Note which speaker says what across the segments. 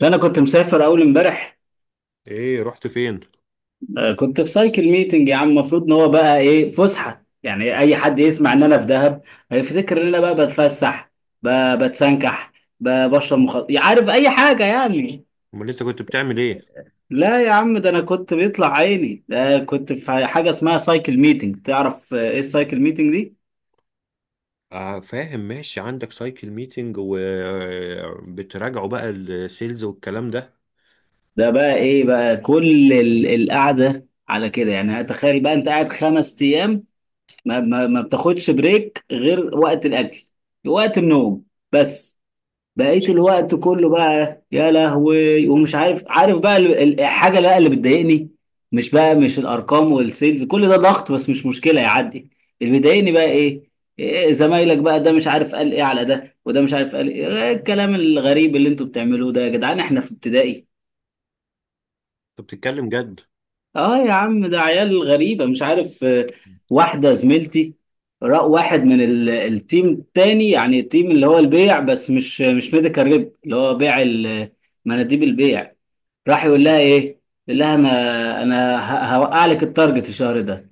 Speaker 1: فانا كنت مسافر اول امبارح.
Speaker 2: ايه رحت فين؟
Speaker 1: كنت في سايكل ميتنج يا عم. المفروض ان هو بقى ايه فسحه، يعني اي حد يسمع ان انا في دهب هيفتكر ان انا بقى بتفسح، بتسنكح، بشرب مخدرات، عارف اي حاجه يعني.
Speaker 2: امال انت كنت بتعمل ايه؟
Speaker 1: لا يا عم، ده انا كنت بيطلع عيني، ده كنت في حاجه اسمها سايكل ميتنج تعرف. ايه السايكل ميتنج دي؟
Speaker 2: آه، فاهم. ماشي، عندك سايكل ميتنج وبتراجعوا بقى السيلز والكلام ده.
Speaker 1: ده بقى ايه بقى كل القعده على كده. يعني تخيل بقى انت قاعد 5 ايام ما بتاخدش بريك غير وقت الاكل، وقت النوم، بس. بقيت الوقت كله بقى يا لهوي، ومش عارف بقى الحاجه بقى اللي بتضايقني. مش بقى، مش الارقام والسيلز، كل ده ضغط بس مش مشكله، يعدي. اللي بيضايقني بقى ايه؟ إيه زمايلك بقى ده، مش عارف قال ايه على ده، وده مش عارف قال ايه؟ إيه الكلام الغريب اللي انتوا بتعملوه ده يا جدعان؟ احنا في ابتدائي؟
Speaker 2: انت بتتكلم جد؟
Speaker 1: اه يا عم ده عيال غريبة، مش عارف. واحدة زميلتي رأى واحد من التيم التاني، يعني التيم اللي هو البيع، بس مش ميديكال ريب، اللي هو بيع مناديب البيع، راح يقول لها ايه؟ يقول لها انا هوقع لك التارجت الشهر ده.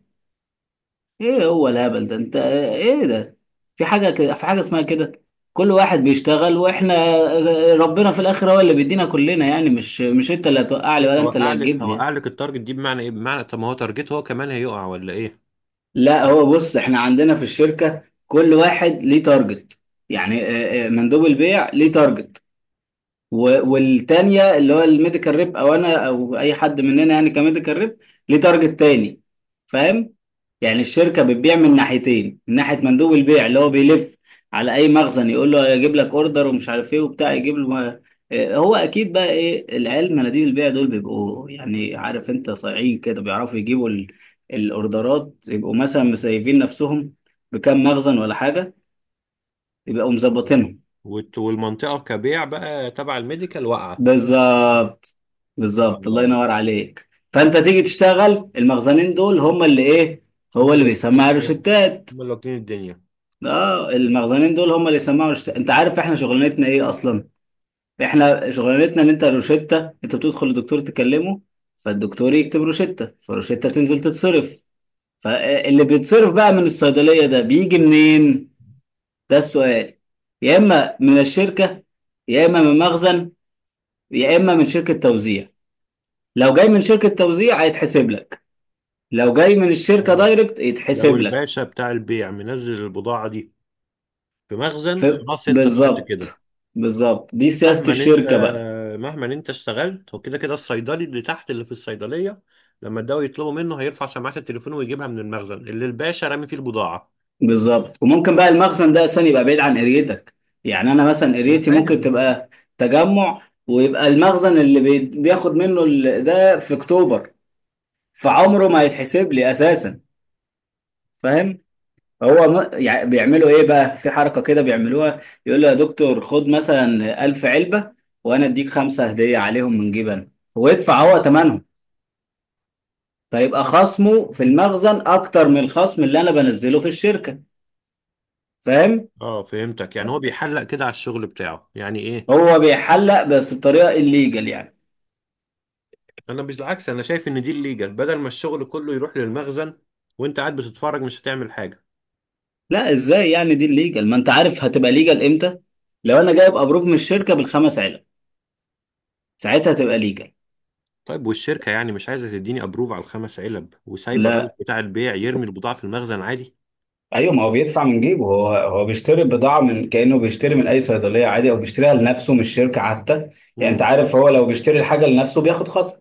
Speaker 1: ايه هو الهبل ده، انت ايه ده؟ في حاجة كده، في حاجة اسمها كده؟ كل واحد بيشتغل، واحنا ربنا في الاخر هو اللي بيدينا كلنا، يعني مش انت اللي هتوقع لي،
Speaker 2: ايه
Speaker 1: ولا انت
Speaker 2: هوقع
Speaker 1: اللي
Speaker 2: لك
Speaker 1: هتجيب
Speaker 2: هوقع
Speaker 1: لي.
Speaker 2: لك التارجت دي بمعنى ايه؟ بمعنى طب ما هو تارجت، هو كمان هيقع ولا ايه؟
Speaker 1: لا، هو بص، احنا عندنا في الشركة كل واحد ليه تارجت. يعني مندوب البيع ليه تارجت، والتانية اللي هو الميديكال ريب، او انا او اي حد مننا يعني كميديكال ريب، ليه تارجت تاني. فاهم؟ يعني الشركة بتبيع من ناحيتين، من ناحية مندوب البيع اللي هو بيلف على اي مخزن يقول له يجيب لك اوردر، ومش عارف ايه وبتاع، يجيب له. هو اكيد بقى ايه، العيال مناديب البيع دول بيبقوا يعني، عارف انت، صايعين كده، بيعرفوا يجيبوا الاوردرات، يبقوا مثلا مسيفين نفسهم بكام مخزن ولا حاجة، يبقوا
Speaker 2: آه.
Speaker 1: مظبطينهم.
Speaker 2: والمنطقه كبيع بقى تبع الميديكال واقعه.
Speaker 1: بالظبط، بالظبط، الله
Speaker 2: اه،
Speaker 1: ينور عليك. فانت تيجي تشتغل، المخزنين دول هم اللي ايه،
Speaker 2: هم
Speaker 1: هو اللي
Speaker 2: اللي
Speaker 1: بيسمع
Speaker 2: هم
Speaker 1: روشتات.
Speaker 2: اللي واكلين الدنيا.
Speaker 1: اه، المخزنين دول هم اللي يسمعوا روشتات. انت عارف احنا شغلانتنا ايه اصلا؟ احنا شغلانتنا ان انت روشتة، انت بتدخل الدكتور تكلمه، فالدكتور يكتب روشتة، فالروشتة تنزل تتصرف. فاللي بيتصرف بقى من الصيدلية ده بيجي منين؟ ده السؤال. يا اما من الشركة، يا اما من مخزن، يا اما من شركة توزيع. لو جاي من شركة توزيع هيتحسب لك، لو جاي من الشركة
Speaker 2: اه،
Speaker 1: دايركت
Speaker 2: لو
Speaker 1: يتحسب لك.
Speaker 2: الباشا بتاع البيع منزل البضاعه دي في مخزن،
Speaker 1: ف...
Speaker 2: خلاص انت ضعت كده.
Speaker 1: بالظبط، بالظبط، دي سياسة
Speaker 2: مهما انت
Speaker 1: الشركة بقى.
Speaker 2: مهما انت اشتغلت، هو كده كده الصيدلي اللي تحت اللي في الصيدليه لما الدواء يطلبوا منه هيرفع سماعه التليفون ويجيبها من المخزن اللي الباشا رامي فيه البضاعه.
Speaker 1: بالظبط. وممكن بقى المخزن ده أصلا يبقى بعيد عن قريتك. يعني أنا مثلا
Speaker 2: انا
Speaker 1: قريتي
Speaker 2: فاهم،
Speaker 1: ممكن
Speaker 2: انا فاهم.
Speaker 1: تبقى تجمع، ويبقى المخزن اللي بياخد منه ده في أكتوبر، فعمره ما هيتحسب لي أساسا. فاهم؟ هو يعني بيعملوا ايه بقى، في حركة كده بيعملوها، يقول له يا دكتور خد مثلا 1000 علبة وانا اديك 5 هدية عليهم من جبن، ويدفع هو تمنهم، فيبقى خصمه في المخزن اكتر من الخصم اللي انا بنزله في الشركة. فاهم؟
Speaker 2: اه، فهمتك. يعني هو بيحلق كده على الشغل بتاعه يعني ايه.
Speaker 1: هو بيحلق، بس بطريقة الليجل يعني.
Speaker 2: انا مش العكس، انا شايف ان دي الليجل. بدل ما الشغل كله يروح للمخزن وانت قاعد بتتفرج مش هتعمل حاجه.
Speaker 1: لا، ازاي يعني دي الليجل؟ ما انت عارف هتبقى ليجل امتى؟ لو انا جايب ابروف من الشركة بالخمس علب، ساعتها تبقى ليجل.
Speaker 2: طيب، والشركه يعني مش عايزه تديني ابروف على الخمس علب وسايبه الراجل
Speaker 1: لا،
Speaker 2: بتاع البيع يرمي البضاعه في المخزن عادي؟
Speaker 1: ايوه، ما هو بيدفع من جيبه، هو هو بيشتري بضاعه، من كانه بيشتري من اي صيدليه عادي، او بيشتريها لنفسه مش شركه حتى. يعني انت
Speaker 2: امم.
Speaker 1: عارف، هو لو بيشتري الحاجه لنفسه بياخد خصم،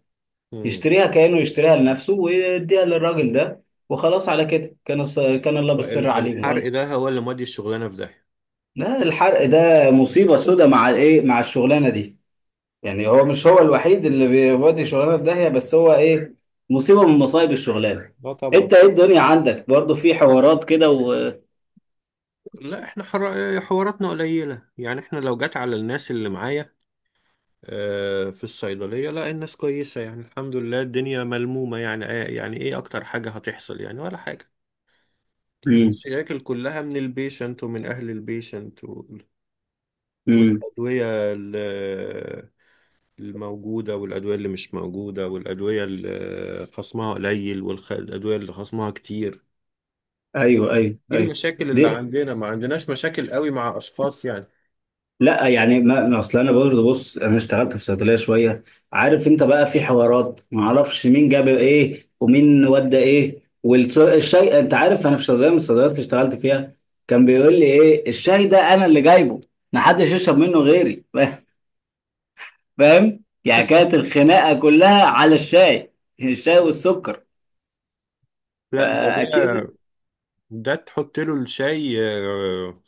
Speaker 2: امم.
Speaker 1: يشتريها كانه يشتريها لنفسه، ويديها للراجل ده، وخلاص على كده، كان كان الله بالسر عليهم
Speaker 2: والحرق
Speaker 1: ولا؟
Speaker 2: ده هو اللي مودي الشغلانه في ده؟
Speaker 1: لا، الحرق ده مصيبه سودة مع الايه، مع الشغلانه دي. يعني هو مش هو الوحيد اللي بيودي شغلانه في داهيه، بس هو ايه، مصيبه من مصايب الشغلانه.
Speaker 2: لا طبعا.
Speaker 1: انت ايه، الدنيا عندك برضو في حوارات كده و…
Speaker 2: لا، احنا حواراتنا قليلة. يعني احنا لو جت على الناس اللي معايا في الصيدلية، لا الناس كويسة، يعني الحمد لله الدنيا ملمومة، يعني، يعني ايه اكتر حاجة هتحصل؟ يعني ولا حاجة. المشاكل كلها من البيشنت ومن اهل البيشنت، و...
Speaker 1: امم.
Speaker 2: والادوية ال- الموجودة والادوية اللي مش موجودة والادوية اللي خصمها قليل والادوية اللي خصمها كتير.
Speaker 1: ايوه، ايوه،
Speaker 2: دي
Speaker 1: ايوه.
Speaker 2: المشاكل اللي
Speaker 1: دي.
Speaker 2: عندنا، ما عندناش مشاكل قوي مع اشخاص يعني.
Speaker 1: لا يعني ما اصل انا برضه، بص، انا اشتغلت في صيدليه شويه، عارف، انت بقى في حوارات ما اعرفش مين جاب ايه ومين ودى ايه، والشاي، انت عارف انا في صيدليه من الصيدليات اللي اشتغلت فيها، كان بيقول لي ايه الشاي ده، انا اللي جايبه، ما حدش يشرب منه غيري. فاهم؟ يعني كانت الخناقه كلها على الشاي. الشاي والسكر.
Speaker 2: لا ده،
Speaker 1: فاكيد.
Speaker 2: ده تحط له الشاي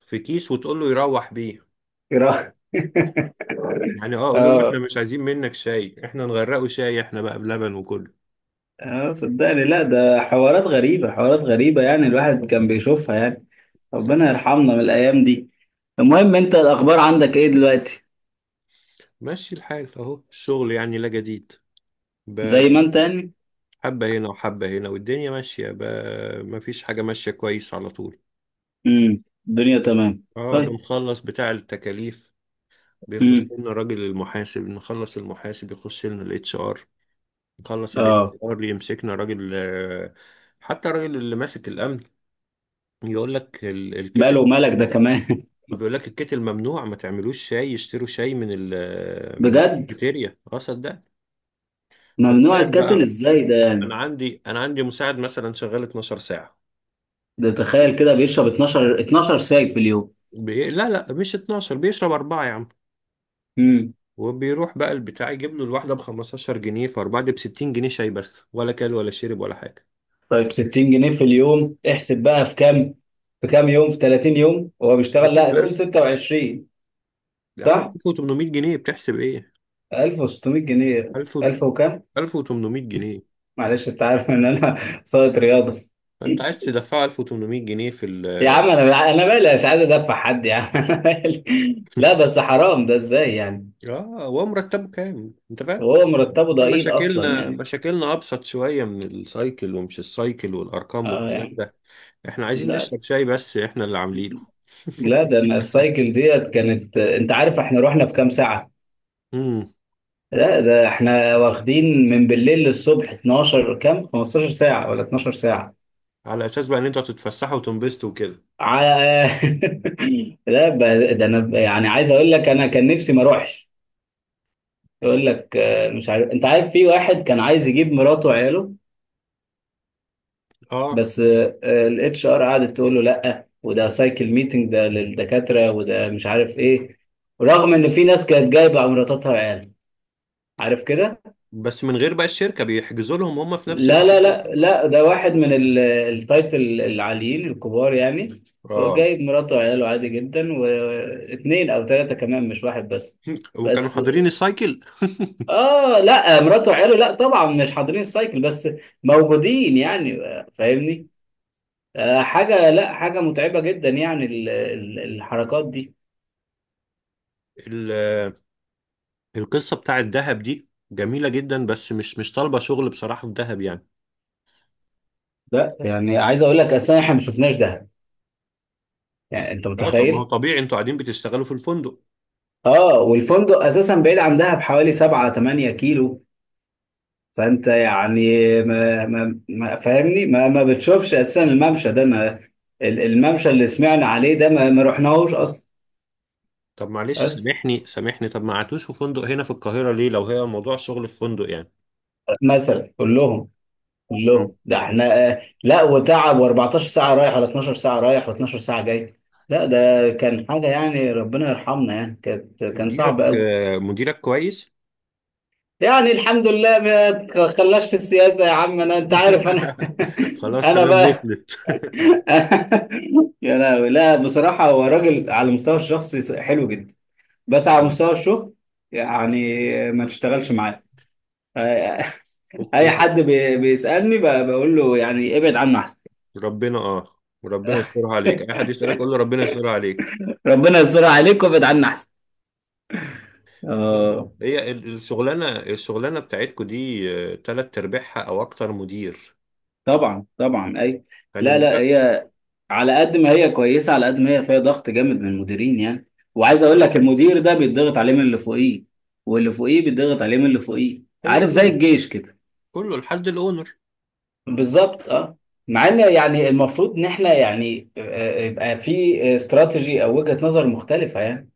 Speaker 2: في كيس وتقول له يروح بيه. يعني اه، قولوا له احنا
Speaker 1: اه،
Speaker 2: مش عايزين منك شاي، احنا نغرقه شاي، احنا بقى بلبن وكله.
Speaker 1: اه، صدقني، لا ده حوارات غريبه، حوارات غريبه، يعني الواحد كان بيشوفها يعني. ربنا يرحمنا من الايام دي. المهم، انت الاخبار عندك ايه دلوقتي؟
Speaker 2: ماشي الحال اهو، الشغل يعني لا جديد. ب-
Speaker 1: زي ما انت يعني.
Speaker 2: حبة هنا وحبة هنا والدنيا ماشية. ب... مفيش حاجة ماشية كويس على طول.
Speaker 1: امم. الدنيا تمام.
Speaker 2: اه،
Speaker 1: طيب.
Speaker 2: بنخلص بتاع التكاليف، بيخش
Speaker 1: امم.
Speaker 2: لنا راجل المحاسب، نخلص المحاسب يخش لنا الاتش ار، نخلص الاتش
Speaker 1: اه.
Speaker 2: ار يمسكنا راجل. حتى الراجل اللي ماسك الامن يقول لك
Speaker 1: ماله
Speaker 2: الكتل
Speaker 1: ومالك ده
Speaker 2: ممنوع.
Speaker 1: كمان؟
Speaker 2: بيقول لك الكتل ممنوع، ما تعملوش شاي، يشتروا شاي من ال من
Speaker 1: بجد؟
Speaker 2: الكافيتيريا. اه صدق.
Speaker 1: ممنوع
Speaker 2: فتخيل
Speaker 1: الكاتل،
Speaker 2: بقى،
Speaker 1: ازاي ده
Speaker 2: انا
Speaker 1: يعني؟
Speaker 2: عندي انا عندي مساعد مثلا شغال 12 ساعه.
Speaker 1: ده تخيل كده بيشرب 12 12 ساي في اليوم؟
Speaker 2: لا لا، مش 12، بيشرب اربعه يا عم.
Speaker 1: امم.
Speaker 2: وبيروح بقى البتاع يجيب له الواحده ب 15 جنيه، فاربعه دي ب 60 جنيه شاي بس، ولا كل ولا شرب ولا حاجه.
Speaker 1: طيب 60 جنيه في اليوم، احسب بقى في كام، في كام يوم، في 30 يوم هو بيشتغل،
Speaker 2: 30
Speaker 1: لا قول
Speaker 2: بألف.
Speaker 1: 26.
Speaker 2: يا عم، ب
Speaker 1: صح،
Speaker 2: 1800 جنيه بتحسب ايه؟
Speaker 1: 1600 جنيه.
Speaker 2: 1000
Speaker 1: 1000 وكام؟
Speaker 2: 1800 جنيه.
Speaker 1: معلش، انت عارف ان انا… صاية رياضة.
Speaker 2: فانت عايز تدفع 1800 جنيه في ال
Speaker 1: يا عم انا مالي، مش عايز ادفع حد يا عم. انا مالي. لا بس حرام، ده ازاي يعني؟
Speaker 2: اه. هو مرتبه كام، انت فاهم؟
Speaker 1: وهو مرتبه
Speaker 2: إحنا
Speaker 1: ضئيل اصلا
Speaker 2: مشاكلنا
Speaker 1: يعني.
Speaker 2: مشاكلنا ابسط شويه من السايكل، ومش السايكل والارقام
Speaker 1: اه
Speaker 2: والكلام
Speaker 1: يعني.
Speaker 2: ده. احنا عايزين
Speaker 1: لا
Speaker 2: نشرب شاي بس، احنا اللي عاملينه.
Speaker 1: لا، ده انا السايكل ديت كانت، انت عارف احنا رحنا في كام ساعة؟
Speaker 2: امم.
Speaker 1: لا، ده احنا واخدين من بالليل للصبح 12، كام، 15 ساعة ولا 12 ساعة؟
Speaker 2: على اساس بقى ان انتوا تتفسحوا وتنبسطوا وكده.
Speaker 1: على… لا ده انا يعني عايز اقول لك، انا كان نفسي ما اروحش. يقول لك مش عارف، انت عارف في واحد كان عايز يجيب مراته وعياله،
Speaker 2: اه،
Speaker 1: بس الاتش ار قعدت تقول له لا، وده سايكل ميتنج ده للدكاتره، وده مش عارف ايه، رغم ان في ناس كانت جايبه مراتاتها وعيالها، عارف كده.
Speaker 2: بس من غير بقى الشركه بيحجزوا لهم هم في نفس
Speaker 1: لا
Speaker 2: المكان
Speaker 1: لا لا
Speaker 2: وخلاص.
Speaker 1: لا، ده واحد من التايتل العاليين الكبار يعني، هو
Speaker 2: اه.
Speaker 1: جايب مراته وعياله عادي جدا، واثنين او ثلاثه كمان مش واحد بس.
Speaker 2: وكانوا
Speaker 1: بس
Speaker 2: حاضرين السايكل؟
Speaker 1: اه، لا مراته وعياله لا طبعا مش حاضرين السايكل، بس موجودين يعني. فاهمني؟ حاجة لا، حاجة متعبة جدا يعني الحركات دي.
Speaker 2: ال- القصه بتاع الذهب دي جميله جدا، بس مش طالبه شغل بصراحه في دهب يعني.
Speaker 1: لا يعني عايز اقول لك، اصلا احنا ما شفناش دهب، يعني انت
Speaker 2: اه، طب ما هو
Speaker 1: متخيل؟
Speaker 2: طبيعي، انتوا قاعدين بتشتغلوا في الفندق.
Speaker 1: اه، والفندق اساسا بعيد عن دهب حوالي 7 8 كيلو، فانت يعني ما فاهمني، ما بتشوفش اساسا الممشى ده، ما الممشى اللي سمعنا عليه ده ما رحناهوش اصلا.
Speaker 2: طب معلش،
Speaker 1: بس
Speaker 2: سامحني سامحني، طب ما قعدتوش في فندق هنا في القاهرة ليه؟ لو هي موضوع شغل في فندق يعني.
Speaker 1: مثلا كلهم،
Speaker 2: مم.
Speaker 1: الله، ده احنا لا وتعب، و14 ساعة رايح، ولا 12 ساعة رايح، و12 ساعة جاي. لا ده كان حاجة يعني ربنا يرحمنا يعني، كان صعب قوي.
Speaker 2: مديرك كويس؟
Speaker 1: يعني الحمد لله، ما تخلاش في السياسة يا عم، انا انت عارف انا…
Speaker 2: خلاص
Speaker 1: انا
Speaker 2: تمام
Speaker 1: بقى…
Speaker 2: وصلت.
Speaker 1: يا لهوي. لا بصراحة، هو راجل على المستوى الشخصي حلو جدا، بس على
Speaker 2: مم.
Speaker 1: مستوى الشغل يعني، ما تشتغلش معاه. اي
Speaker 2: اوكي.
Speaker 1: حد بيسألني بقول له يعني ابعد عنه احسن.
Speaker 2: ربنا يسترها عليك. اي حد يسألك قول له ربنا يسترها عليك.
Speaker 1: ربنا يستر عليك، وابعد عنا احسن.
Speaker 2: يلا،
Speaker 1: آه.
Speaker 2: هي الشغلانة. الشغلانة بتاعتكو دي تلات ارباعها او اكتر مدير.
Speaker 1: طبعا طبعا، اي.
Speaker 2: يعني
Speaker 1: لا لا،
Speaker 2: مديرك.
Speaker 1: هي على قد ما هي كويسه، على قد ما هي فيها ضغط جامد من المديرين يعني. وعايز اقول لك، المدير ده بيتضغط عليه من اللي فوقيه، واللي فوقيه بيتضغط عليه من اللي فوقيه،
Speaker 2: ايوه،
Speaker 1: عارف زي
Speaker 2: كله
Speaker 1: الجيش كده.
Speaker 2: كله لحد الاونر.
Speaker 1: بالظبط، اه. مع ان يعني المفروض ان احنا يعني يبقى في استراتيجي او وجهة نظر مختلفة يعني.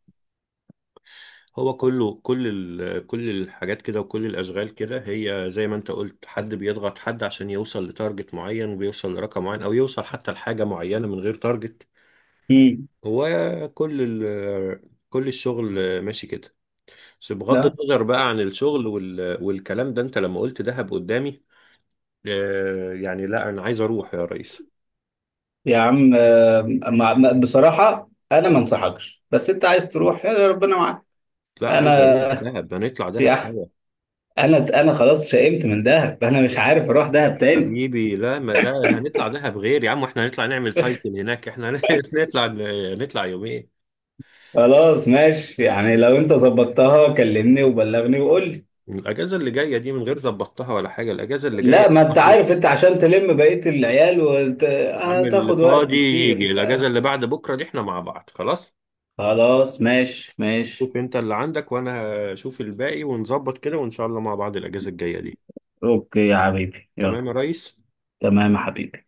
Speaker 2: هو كل الحاجات كده وكل الأشغال كده هي زي ما أنت قلت، حد بيضغط حد عشان يوصل لتارجت معين، وبيوصل لرقم معين، أو يوصل حتى لحاجة معينة من غير تارجت.
Speaker 1: مم.
Speaker 2: هو كل الشغل ماشي كده. بس بغض
Speaker 1: لا
Speaker 2: النظر بقى عن الشغل والكلام ده، أنت لما قلت دهب قدامي يعني، لا أنا عايز أروح يا ريس.
Speaker 1: يا عم، بصراحة انا ما انصحكش، بس انت عايز تروح، يا ربنا معاك.
Speaker 2: لا، عايز أروح
Speaker 1: انا…
Speaker 2: دهب، هنطلع دهب
Speaker 1: يعني
Speaker 2: سوا.
Speaker 1: انا خلاص شئمت من دهب، انا مش عارف اروح دهب تاني.
Speaker 2: حبيبي، لا ما ده هنطلع دهب غير يا عم، احنا هنطلع نعمل سايكل هناك احنا. هنطلع نطلع يومين.
Speaker 1: خلاص ماشي، يعني لو انت ظبطتها كلمني وبلغني وقول لي.
Speaker 2: الاجازه اللي جايه دي من غير ظبطتها ولا حاجه، الاجازه اللي جايه
Speaker 1: لا، ما انت
Speaker 2: برضه.
Speaker 1: عارف انت عشان تلم بقية العيال
Speaker 2: يا عم، اللي
Speaker 1: هتاخد وقت
Speaker 2: فاضي
Speaker 1: كتير،
Speaker 2: يجي
Speaker 1: انت
Speaker 2: الاجازه
Speaker 1: عارف.
Speaker 2: اللي بعد بكره دي، احنا مع بعض خلاص.
Speaker 1: خلاص ماشي ماشي.
Speaker 2: شوف انت اللي عندك وانا اشوف الباقي ونظبط كده، وان شاء الله مع بعض الاجازه الجايه دي.
Speaker 1: اوكي يا حبيبي، يلا.
Speaker 2: تمام يا ريس.
Speaker 1: تمام يا حبيبي.